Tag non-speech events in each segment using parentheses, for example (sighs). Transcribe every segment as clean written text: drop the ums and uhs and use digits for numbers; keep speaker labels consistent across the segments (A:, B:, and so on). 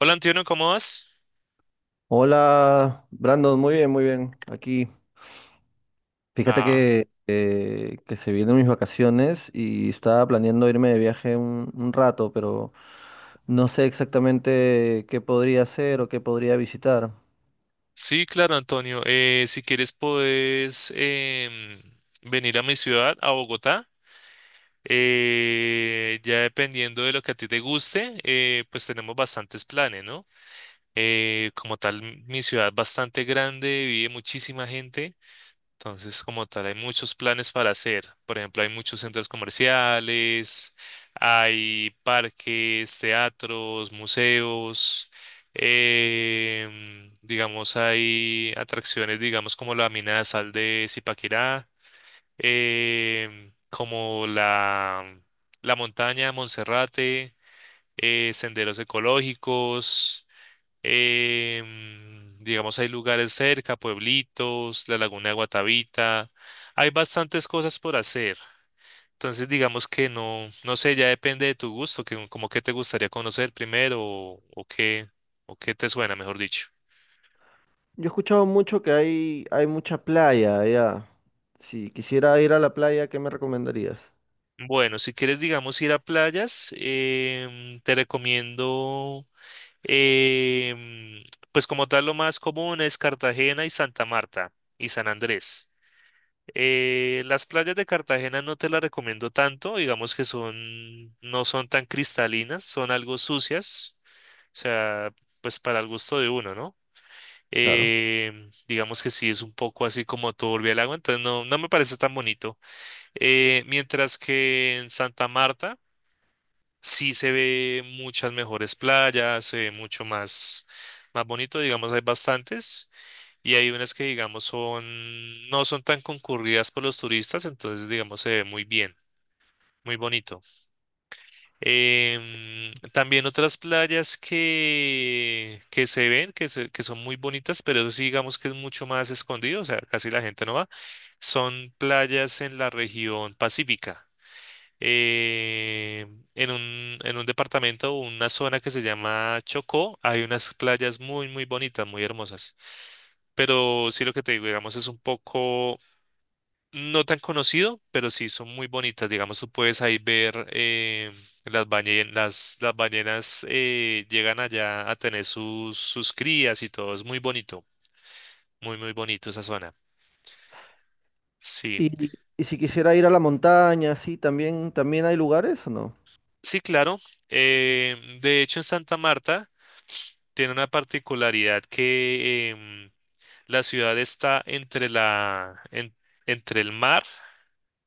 A: Hola Antonio, ¿cómo vas?
B: Hola, Brandon, muy bien, muy bien. Aquí, fíjate
A: Ah,
B: que se vienen mis vacaciones y estaba planeando irme de viaje un rato, pero no sé exactamente qué podría hacer o qué podría visitar.
A: sí, claro, Antonio. Si quieres, puedes venir a mi ciudad, a Bogotá. Ya dependiendo de lo que a ti te guste, pues tenemos bastantes planes, ¿no? Como tal, mi ciudad es bastante grande, vive muchísima gente. Entonces, como tal, hay muchos planes para hacer. Por ejemplo, hay muchos centros comerciales, hay parques, teatros, museos, digamos, hay atracciones, digamos, como la mina de sal de Zipaquirá, em, como la, la montaña de Monserrate, senderos ecológicos. Digamos, hay lugares cerca, pueblitos, la laguna de Guatavita. Hay bastantes cosas por hacer. Entonces, digamos que no, no sé, ya depende de tu gusto, que, como que te gustaría conocer primero o qué, o qué te suena, mejor dicho.
B: Yo he escuchado mucho que hay mucha playa allá. Si quisiera ir a la playa, ¿qué me recomendarías?
A: Bueno, si quieres, digamos, ir a playas, te recomiendo, em, pues como tal, lo más común es Cartagena y Santa Marta y San Andrés. Las playas de Cartagena no te las recomiendo tanto, digamos que son, no son tan cristalinas, son algo sucias, o sea, pues para el gusto de uno, ¿no?
B: Claro.
A: Digamos que sí es un poco así como turbia el agua, entonces no, no me parece tan bonito. Mientras que en Santa Marta sí se ve muchas mejores playas, se ve mucho más, más bonito, digamos, hay bastantes. Y hay unas que, digamos, son, no son tan concurridas por los turistas, entonces, digamos, se ve muy bien, muy bonito. También otras playas que, se ven, que son muy bonitas, pero eso sí, digamos que es mucho más escondido, o sea, casi la gente no va, son playas en la región pacífica. En un departamento o una zona que se llama Chocó, hay unas playas muy, muy bonitas, muy hermosas. Pero sí lo que te digo, digamos, es un poco no tan conocido, pero sí son muy bonitas. Digamos, tú puedes ahí ver las ballenas, las ballenas llegan allá a tener sus crías y todo. Es muy bonito, muy, muy bonito esa zona. Sí,
B: Y si quisiera ir a la montaña, sí, también, también hay lugares o no?
A: sí, claro. De hecho, en Santa Marta tiene una particularidad que la ciudad está entre entre el mar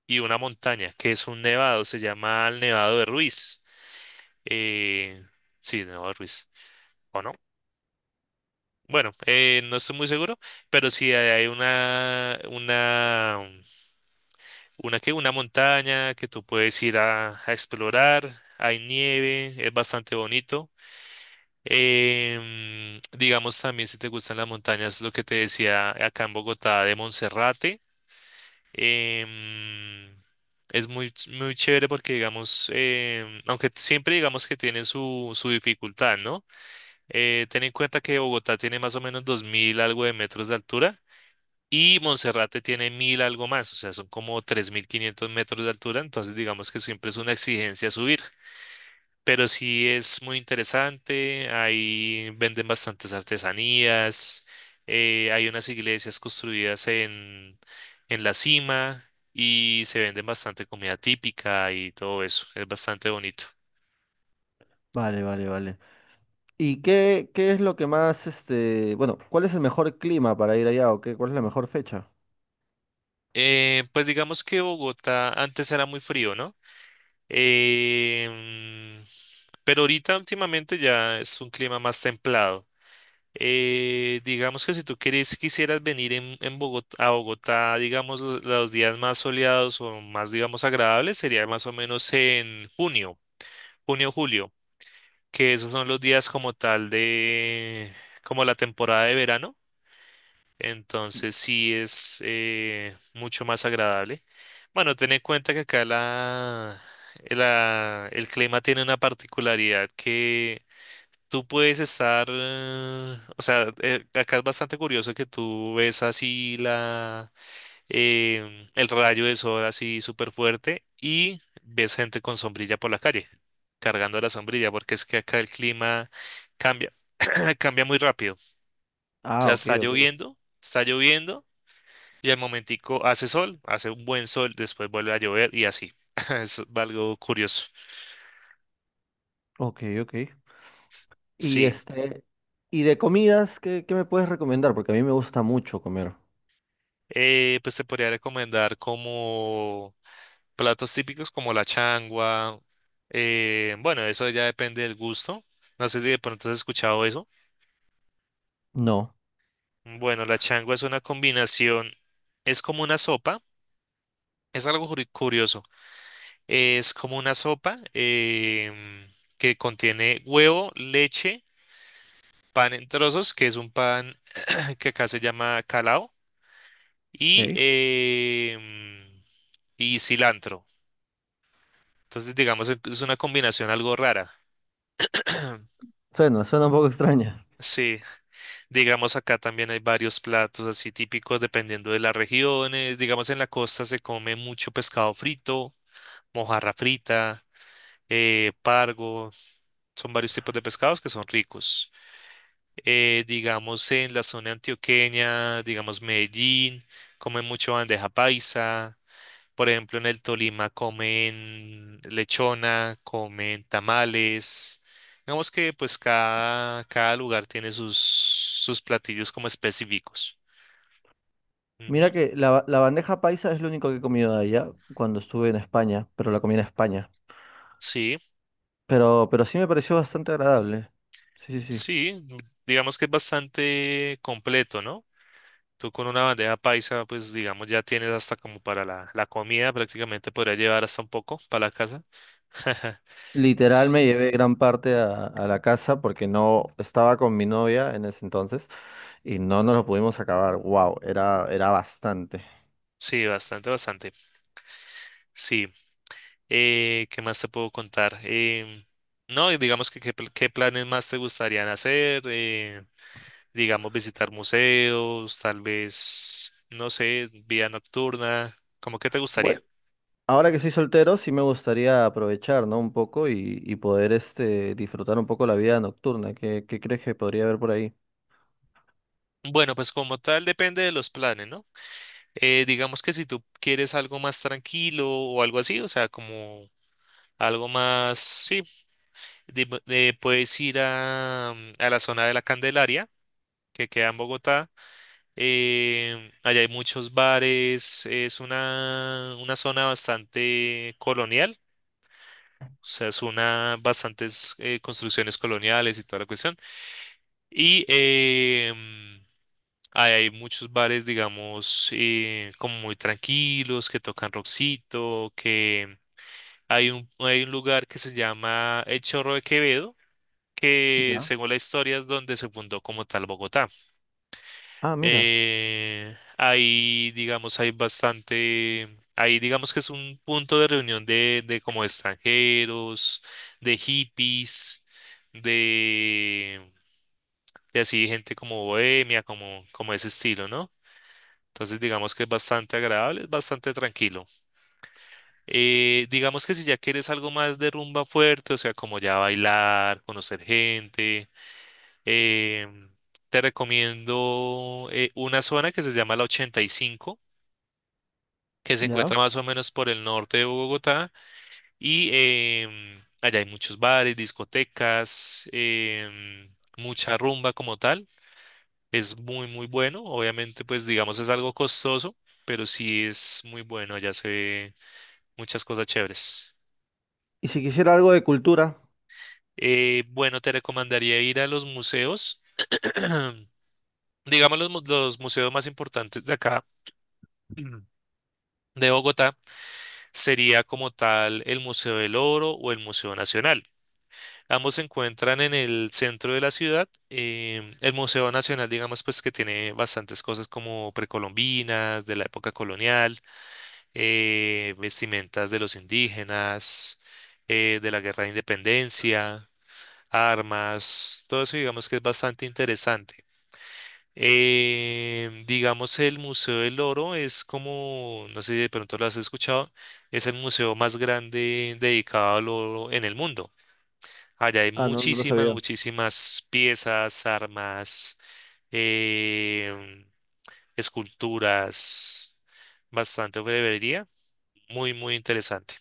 A: y una montaña, que es un nevado, se llama el Nevado de Ruiz. Eh, sí, Nevado de Ruiz. ¿O no? Bueno, no estoy muy seguro, pero sí hay una, ¿qué? Una montaña que tú puedes ir a explorar, hay nieve, es bastante bonito. Digamos también si te gustan las montañas, lo que te decía acá en Bogotá de Monserrate, em, es muy, muy chévere porque digamos, aunque siempre digamos que tiene su dificultad, ¿no? Ten en cuenta que Bogotá tiene más o menos 2000 algo de metros de altura. Y Monserrate tiene 1000 algo más, o sea, son como 3500 metros de altura, entonces digamos que siempre es una exigencia subir. Pero sí es muy interesante, ahí venden bastantes artesanías, hay unas iglesias construidas en la cima y se venden bastante comida típica y todo eso, es bastante bonito.
B: Vale, vale, vale. ¿Y qué es lo que más, este, bueno, cuál es el mejor clima para ir allá o qué, cuál es la mejor fecha?
A: Pues digamos que Bogotá antes era muy frío, ¿no? Em, pero ahorita últimamente ya es un clima más templado. Digamos que si tú quieres, quisieras venir a Bogotá, digamos, los días más soleados o más, digamos, agradables, sería más o menos en junio, julio, que esos son los días como tal como la temporada de verano. Entonces sí es mucho más agradable. Bueno, ten en cuenta que acá el clima tiene una particularidad que tú puedes estar, o sea, acá es bastante curioso que tú ves así el rayo de sol así súper fuerte y ves gente con sombrilla por la calle, cargando la sombrilla, porque es que acá el clima cambia, (clears throat) cambia, muy rápido. O
B: Ah,
A: sea,
B: ok, ok,
A: está lloviendo y al momentico hace sol, hace un buen sol, después vuelve a llover y así. (laughs) Es algo curioso.
B: ok, ok. Y
A: Sí,
B: este, y de comidas, ¿qué me puedes recomendar? Porque a mí me gusta mucho comer.
A: pues te podría recomendar como platos típicos como la changua. Bueno, eso ya depende del gusto. No sé si de pronto has escuchado eso.
B: No,
A: Bueno, la changua es una combinación, es como una sopa, es algo curioso. Es como una sopa em, que contiene huevo, leche pan en trozos, que es un pan (clears throat) que acá se llama calao, y,
B: ok.
A: em, y cilantro. Entonces, digamos, es una combinación algo rara. (clears throat)
B: Suena, suena un poco (laughs) extraña.
A: Sí, digamos acá también hay varios platos así típicos dependiendo de las regiones. Digamos en la costa se come mucho pescado frito, mojarra frita, pargo. Son varios tipos de pescados que son ricos. Digamos en la zona antioqueña, digamos Medellín, comen mucho bandeja paisa, por ejemplo en el Tolima comen lechona, comen tamales, digamos que pues cada lugar tiene sus platillos como específicos. Ujú,
B: Mira que la, la bandeja paisa es lo único que he comido de allá cuando estuve en España, pero la comí en España.
A: sí,
B: Pero sí me pareció bastante agradable. Sí, sí, sí.
A: sí, digamos que es bastante completo, ¿no? Tú con una bandeja paisa, pues digamos, ya tienes hasta como para la comida, prácticamente podría llevar hasta un poco para la casa. (laughs)
B: Literal me
A: (laughs)
B: llevé gran parte a la casa porque no estaba con mi novia en ese entonces y no nos lo pudimos acabar. Wow, era bastante.
A: Sí, bastante, bastante. Sí. ¿Qué más te puedo contar? No, y digamos que qué planes más te gustarían hacer. Digamos, visitar museos, tal vez, no sé, vida nocturna. ¿Cómo que te
B: Bueno,
A: gustaría?
B: ahora que soy soltero sí me gustaría aprovechar, ¿no? Un poco y poder este, disfrutar un poco la vida nocturna. ¿Qué crees que podría haber por ahí?
A: Bueno, pues como tal depende de los planes, ¿no? Digamos que si tú quieres algo más tranquilo o algo así, o sea, como algo más, sí, puedes ir a la zona de la Candelaria, que queda en Bogotá. Allá hay muchos bares, es una zona bastante colonial, o sea, es una bastantes construcciones coloniales y toda la cuestión. Y ahí hay muchos bares, digamos, como muy tranquilos, que tocan rockcito, que hay un lugar que se llama El Chorro de Quevedo, que
B: Ya.
A: según la historia es donde se fundó como tal Bogotá.
B: Ah, mira,
A: Ahí, digamos, hay bastante, ahí digamos que es un punto de reunión de como extranjeros, de hippies, de, de así gente como bohemia, como ese estilo, ¿no? Entonces digamos que es bastante agradable, es bastante tranquilo. Digamos que si ya quieres algo más de rumba fuerte, o sea, como ya bailar, conocer gente, em, te recomiendo una zona que se llama la 85, que se
B: ya.
A: encuentra más o menos por el norte de Bogotá y allá hay muchos bares, discotecas, mucha rumba como tal. Es muy, muy bueno. Obviamente, pues digamos es algo costoso, pero sí es muy bueno. Allá se ve muchas cosas chéveres.
B: ¿Y si quisiera algo de cultura?
A: Bueno, te recomendaría ir a los museos, (clears throat) digamos los, los museos más importantes de acá, (clears throat) de Bogotá, sería como tal el Museo del Oro o el Museo Nacional. Ambos se encuentran en el centro de la ciudad. El Museo Nacional, digamos, pues que tiene bastantes cosas como precolombinas, de la época colonial, vestimentas de los indígenas, de la Guerra de Independencia, armas, todo eso digamos que es bastante interesante. Digamos, el Museo del Oro es como, no sé si de pronto lo has escuchado, es el museo más grande dedicado al oro en el mundo. Allá hay
B: Ah, no, no lo
A: muchísimas,
B: sabía.
A: muchísimas piezas, armas, em, esculturas, bastante orfebrería. Muy, muy interesante.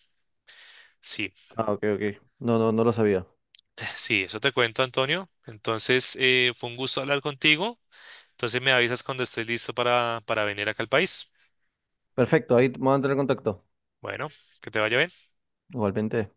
A: Sí, (laughs)
B: Ah, ok, ok. No, no, no lo sabía.
A: (sighs) sí, eso te cuento, Antonio. Entonces, fue un gusto hablar contigo. Entonces, me avisas cuando estés listo para venir acá al país.
B: Perfecto, ahí vamos a entrar en contacto.
A: Bueno, que te vaya bien.
B: Igualmente.